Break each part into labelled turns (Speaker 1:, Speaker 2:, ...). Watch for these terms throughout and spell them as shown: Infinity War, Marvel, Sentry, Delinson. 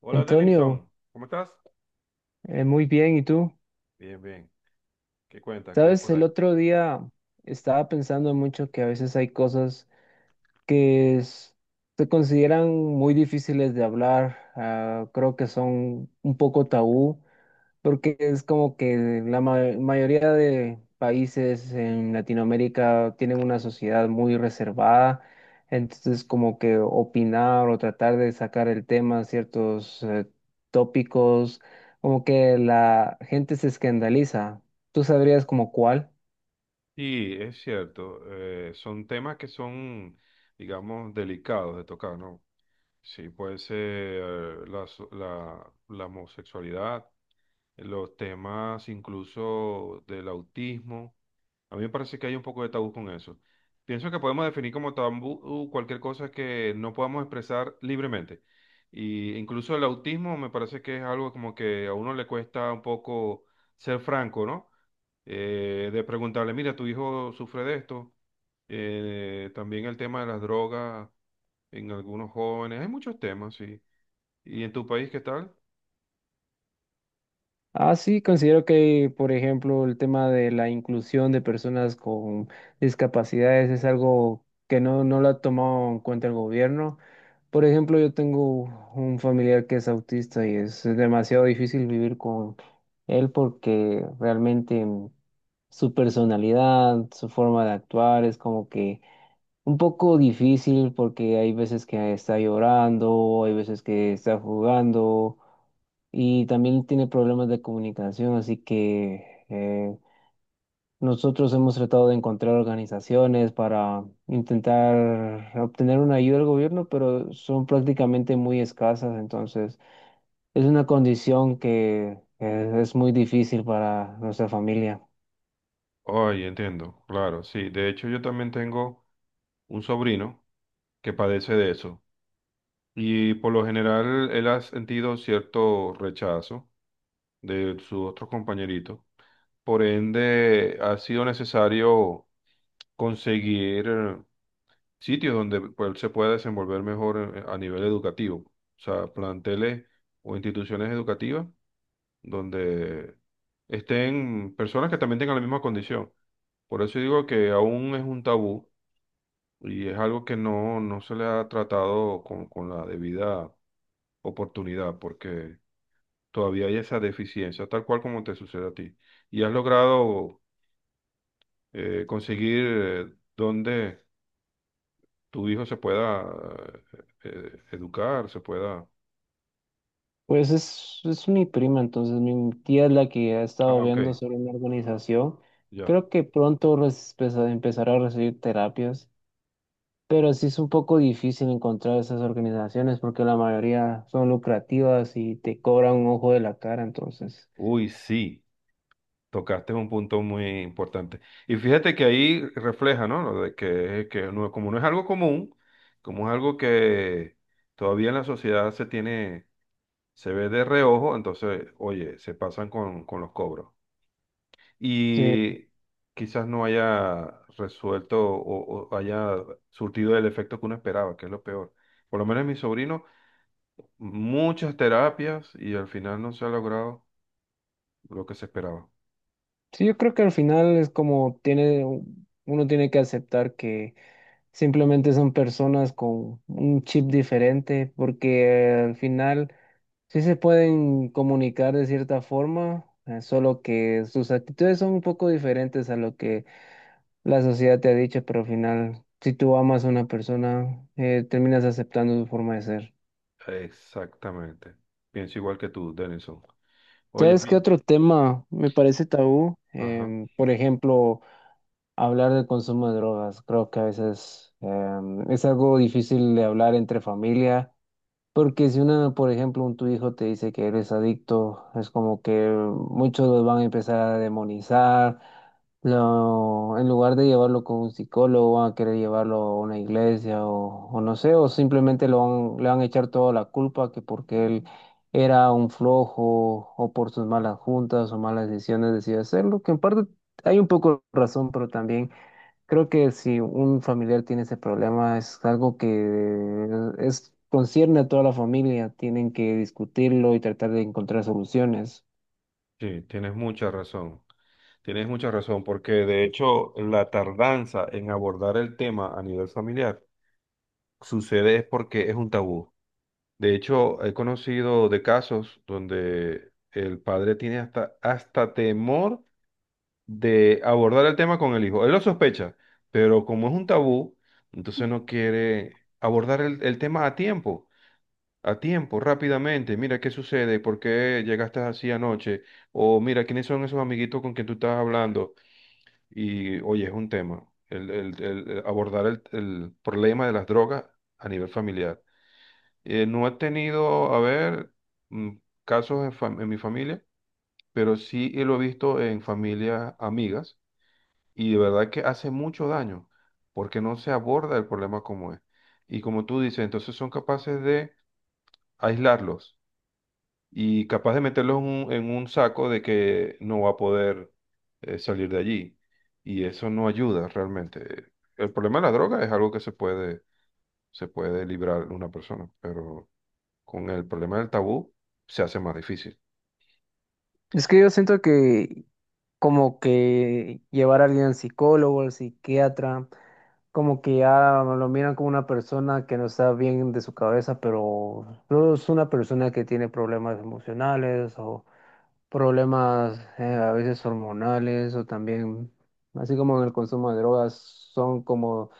Speaker 1: Hola,
Speaker 2: Antonio,
Speaker 1: Delinson. ¿Cómo estás?
Speaker 2: muy bien, ¿y tú?
Speaker 1: Bien, bien. ¿Qué cuentas? ¿Qué hay
Speaker 2: Sabes,
Speaker 1: por
Speaker 2: el
Speaker 1: ahí?
Speaker 2: otro día estaba pensando mucho que a veces hay cosas que es- se consideran muy difíciles de hablar. Creo que son un poco tabú, porque es como que mayoría de países en Latinoamérica tienen una sociedad muy reservada, entonces como que opinar o tratar de sacar el tema, ciertos tópicos, como que la gente se escandaliza. ¿Tú sabrías como cuál?
Speaker 1: Sí, es cierto. Son temas que son, digamos, delicados de tocar, ¿no? Sí, puede ser la homosexualidad, los temas incluso del autismo. A mí me parece que hay un poco de tabú con eso. Pienso que podemos definir como tabú cualquier cosa que no podamos expresar libremente. Y incluso el autismo me parece que es algo como que a uno le cuesta un poco ser franco, ¿no? De preguntarle, mira, tu hijo sufre de esto. También el tema de las drogas en algunos jóvenes. Hay muchos temas, sí. ¿Y en tu país qué tal?
Speaker 2: Ah, sí, considero que, por ejemplo, el tema de la inclusión de personas con discapacidades es algo que no lo ha tomado en cuenta el gobierno. Por ejemplo, yo tengo un familiar que es autista y es demasiado difícil vivir con él porque realmente su personalidad, su forma de actuar es como que un poco difícil porque hay veces que está llorando, hay veces que está jugando y también tiene problemas de comunicación, así que nosotros hemos tratado de encontrar organizaciones para intentar obtener una ayuda del gobierno, pero son prácticamente muy escasas. Entonces es una condición que es muy difícil para nuestra familia.
Speaker 1: Ay, entiendo, claro, sí. De hecho, yo también tengo un sobrino que padece de eso. Y por lo general él ha sentido cierto rechazo de sus otros compañeritos. Por ende, ha sido necesario conseguir sitios donde pues, él se pueda desenvolver mejor a nivel educativo. O sea, planteles o instituciones educativas donde estén personas que también tengan la misma condición. Por eso digo que aún es un tabú y es algo que no, no se le ha tratado con la debida oportunidad, porque todavía hay esa deficiencia, tal cual como te sucede a ti. Y has logrado conseguir, donde tu hijo se pueda educar, se pueda.
Speaker 2: Pues es mi prima, entonces mi tía es la que ha
Speaker 1: Ah,
Speaker 2: estado
Speaker 1: ok,
Speaker 2: viendo sobre una organización.
Speaker 1: ya.
Speaker 2: Creo que pronto empezará a recibir terapias. Pero sí es un poco difícil encontrar esas organizaciones porque la mayoría son lucrativas y te cobran un ojo de la cara, entonces.
Speaker 1: Uy, sí, tocaste un punto muy importante. Y fíjate que ahí refleja, ¿no? Lo de que no, como no es algo común, como es algo que todavía en la sociedad se tiene, se ve de reojo. Entonces, oye, se pasan con los cobros.
Speaker 2: Sí,
Speaker 1: Y quizás no haya resuelto o haya surtido el efecto que uno esperaba, que es lo peor. Por lo menos en mi sobrino, muchas terapias y al final no se ha logrado lo que se esperaba.
Speaker 2: sí, yo creo que al final uno tiene que aceptar que simplemente son personas con un chip diferente, porque al final sí se pueden comunicar de cierta forma, solo que sus actitudes son un poco diferentes a lo que la sociedad te ha dicho. Pero al final, si tú amas a una persona, terminas aceptando su forma de ser.
Speaker 1: Exactamente. Pienso igual que tú, Denison. Oye,
Speaker 2: ¿Sabes qué
Speaker 1: amigo.
Speaker 2: otro tema me parece tabú?
Speaker 1: Ajá.
Speaker 2: Por ejemplo, hablar del consumo de drogas. Creo que a veces es algo difícil de hablar entre familia. Porque si por ejemplo, un tu hijo te dice que eres adicto, es como que muchos los van a empezar a demonizar. En lugar de llevarlo con un psicólogo, van a querer llevarlo a una iglesia o no sé, o simplemente le van a echar toda la culpa, que porque él era un flojo o por sus malas juntas o malas decisiones decidió hacerlo, que en parte hay un poco de razón, pero también creo que si un familiar tiene ese problema, es algo que concierne a toda la familia. Tienen que discutirlo y tratar de encontrar soluciones.
Speaker 1: Sí, tienes mucha razón. Tienes mucha razón, porque de hecho la tardanza en abordar el tema a nivel familiar sucede es porque es un tabú. De hecho, he conocido de casos donde el padre tiene hasta temor de abordar el tema con el hijo. Él lo sospecha, pero como es un tabú, entonces no quiere abordar el tema a tiempo, rápidamente. Mira qué sucede, por qué llegaste así anoche, o mira quiénes son esos amiguitos con quien tú estás hablando. Y oye, es un tema, el abordar el problema de las drogas a nivel familiar. No he tenido, a ver, mm, casos en, en mi familia, pero sí lo he visto en familias amigas y de verdad que hace mucho daño porque no se aborda el problema como es. Y como tú dices, entonces son capaces de aislarlos y capaz de meterlos en un saco de que no va a poder salir de allí. Y eso no ayuda realmente. El problema de la droga es algo que se puede librar una persona, pero con el problema del tabú, se hace más difícil.
Speaker 2: Es que yo siento que como que llevar a alguien al psicólogo, al psiquiatra, como que ya lo miran como una persona que no está bien de su cabeza, pero no es una persona que tiene problemas emocionales o problemas a veces hormonales o también, así como en el consumo de drogas, son como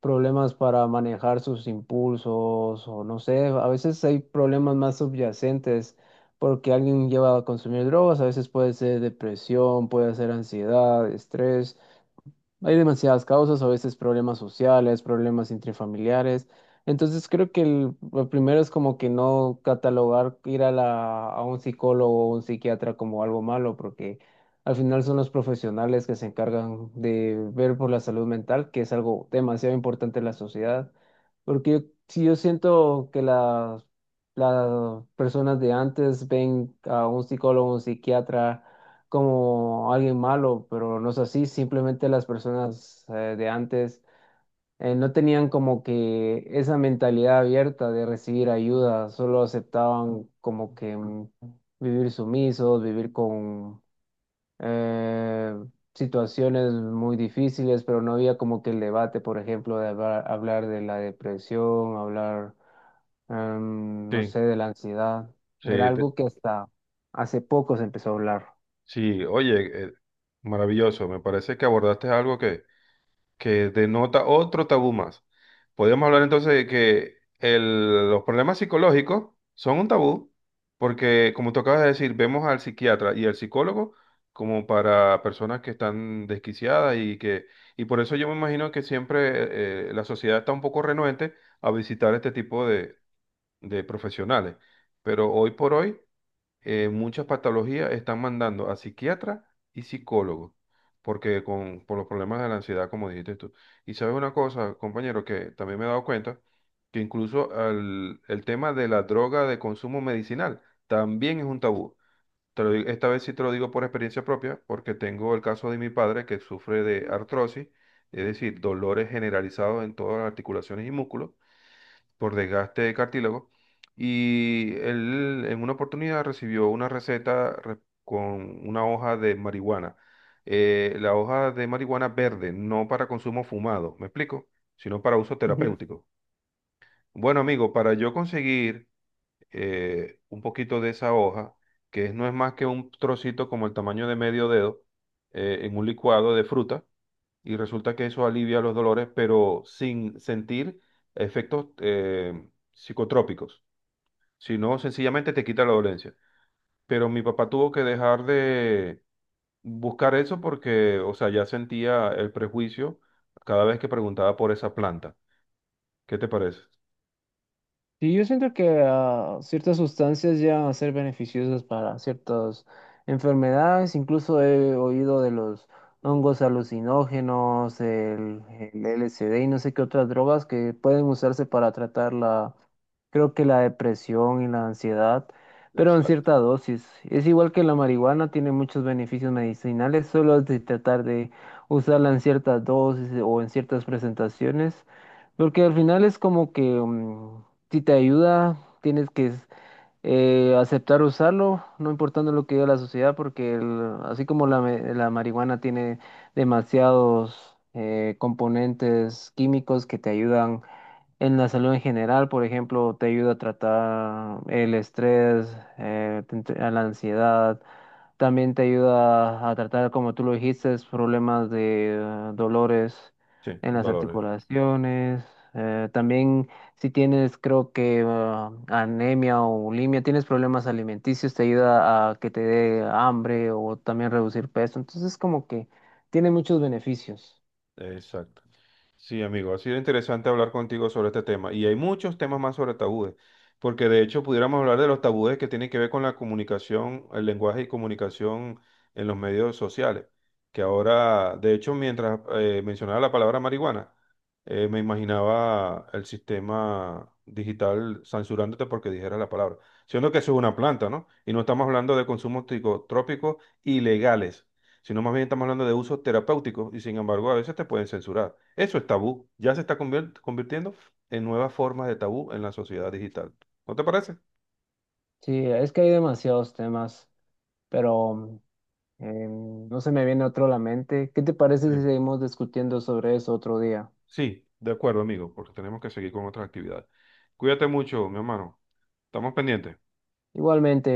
Speaker 2: problemas para manejar sus impulsos o no sé, a veces hay problemas más subyacentes porque alguien lleva a consumir drogas, a veces puede ser depresión, puede ser ansiedad, estrés. Hay demasiadas causas, a veces problemas sociales, problemas intrafamiliares. Entonces creo que lo primero es como que no catalogar ir a a un psicólogo o un psiquiatra como algo malo, porque al final son los profesionales que se encargan de ver por la salud mental, que es algo demasiado importante en la sociedad. Porque yo- si yo siento que las personas de antes ven a un psicólogo, un psiquiatra, como alguien malo, pero no es así, simplemente las personas de antes no tenían como que esa mentalidad abierta de recibir ayuda, solo aceptaban como que vivir sumisos, vivir con eh, situaciones muy difíciles, pero no había como que el debate, por ejemplo, de hablar, hablar de la depresión, hablar, no
Speaker 1: Sí,
Speaker 2: sé, de la ansiedad.
Speaker 1: sí,
Speaker 2: Era algo que hasta hace poco se empezó a hablar.
Speaker 1: sí. Oye, maravilloso, me parece que abordaste algo que denota otro tabú más. Podríamos hablar entonces de que los problemas psicológicos son un tabú, porque como tú acabas de decir, vemos al psiquiatra y al psicólogo como para personas que están desquiciadas y que, y por eso yo me imagino que siempre la sociedad está un poco renuente a visitar este tipo de profesionales. Pero hoy por hoy muchas patologías están mandando a psiquiatras y psicólogos, porque por los problemas de la ansiedad, como dijiste tú. Y sabes una cosa, compañero, que también me he dado cuenta, que incluso el tema de la droga de consumo medicinal también es un tabú. Te lo digo, esta vez sí te lo digo por experiencia propia, porque tengo el caso de mi padre que sufre de artrosis, es decir, dolores generalizados en todas las articulaciones y músculos por desgaste de cartílago. Y él en una oportunidad recibió una con una hoja de marihuana. La hoja de marihuana verde, no para consumo fumado, ¿me explico? Sino para uso terapéutico. Bueno, amigo, para yo conseguir un poquito de esa hoja, que no es más que un trocito como el tamaño de medio dedo, en un licuado de fruta, y resulta que eso alivia los dolores, pero sin sentir efectos psicotrópicos, sino sencillamente te quita la dolencia. Pero mi papá tuvo que dejar de buscar eso porque, o sea, ya sentía el prejuicio cada vez que preguntaba por esa planta. ¿Qué te parece?
Speaker 2: Sí, yo siento que ciertas sustancias llegan a ser beneficiosas para ciertas enfermedades. Incluso he oído de los hongos alucinógenos, el LSD y no sé qué otras drogas que pueden usarse para tratar creo que la depresión y la ansiedad, pero en
Speaker 1: Exacto.
Speaker 2: cierta dosis. Es igual que la marihuana, tiene muchos beneficios medicinales, solo es de tratar de usarla en ciertas dosis o en ciertas presentaciones. Porque al final es como que si te ayuda, tienes que aceptar usarlo, no importando lo que diga la sociedad, porque así como la marihuana tiene demasiados componentes químicos que te ayudan en la salud en general. Por ejemplo, te ayuda a tratar el estrés, a la ansiedad, también te ayuda a tratar, como tú lo dijiste, problemas de dolores
Speaker 1: Sí,
Speaker 2: en las
Speaker 1: dolores.
Speaker 2: articulaciones. También si tienes, creo que anemia o bulimia, tienes problemas alimenticios, te ayuda a que te dé hambre o también reducir peso. Entonces, como que tiene muchos beneficios.
Speaker 1: Exacto. Sí, amigo, ha sido interesante hablar contigo sobre este tema y hay muchos temas más sobre tabúes, porque de hecho pudiéramos hablar de los tabúes que tienen que ver con la comunicación, el lenguaje y comunicación en los medios sociales, que ahora, de hecho, mientras mencionaba la palabra marihuana, me imaginaba el sistema digital censurándote porque dijera la palabra, siendo que eso es una planta, ¿no? Y no estamos hablando de consumos psicotrópicos ilegales, sino más bien estamos hablando de usos terapéuticos y sin embargo a veces te pueden censurar. Eso es tabú, ya se está convirtiendo en nuevas formas de tabú en la sociedad digital. ¿No te parece?
Speaker 2: Sí, es que hay demasiados temas, pero no se me viene otro a la mente. ¿Qué te parece si
Speaker 1: Sí.
Speaker 2: seguimos discutiendo sobre eso otro día?
Speaker 1: Sí, de acuerdo, amigo, porque tenemos que seguir con otras actividades. Cuídate mucho, mi hermano. Estamos pendientes.
Speaker 2: Igualmente.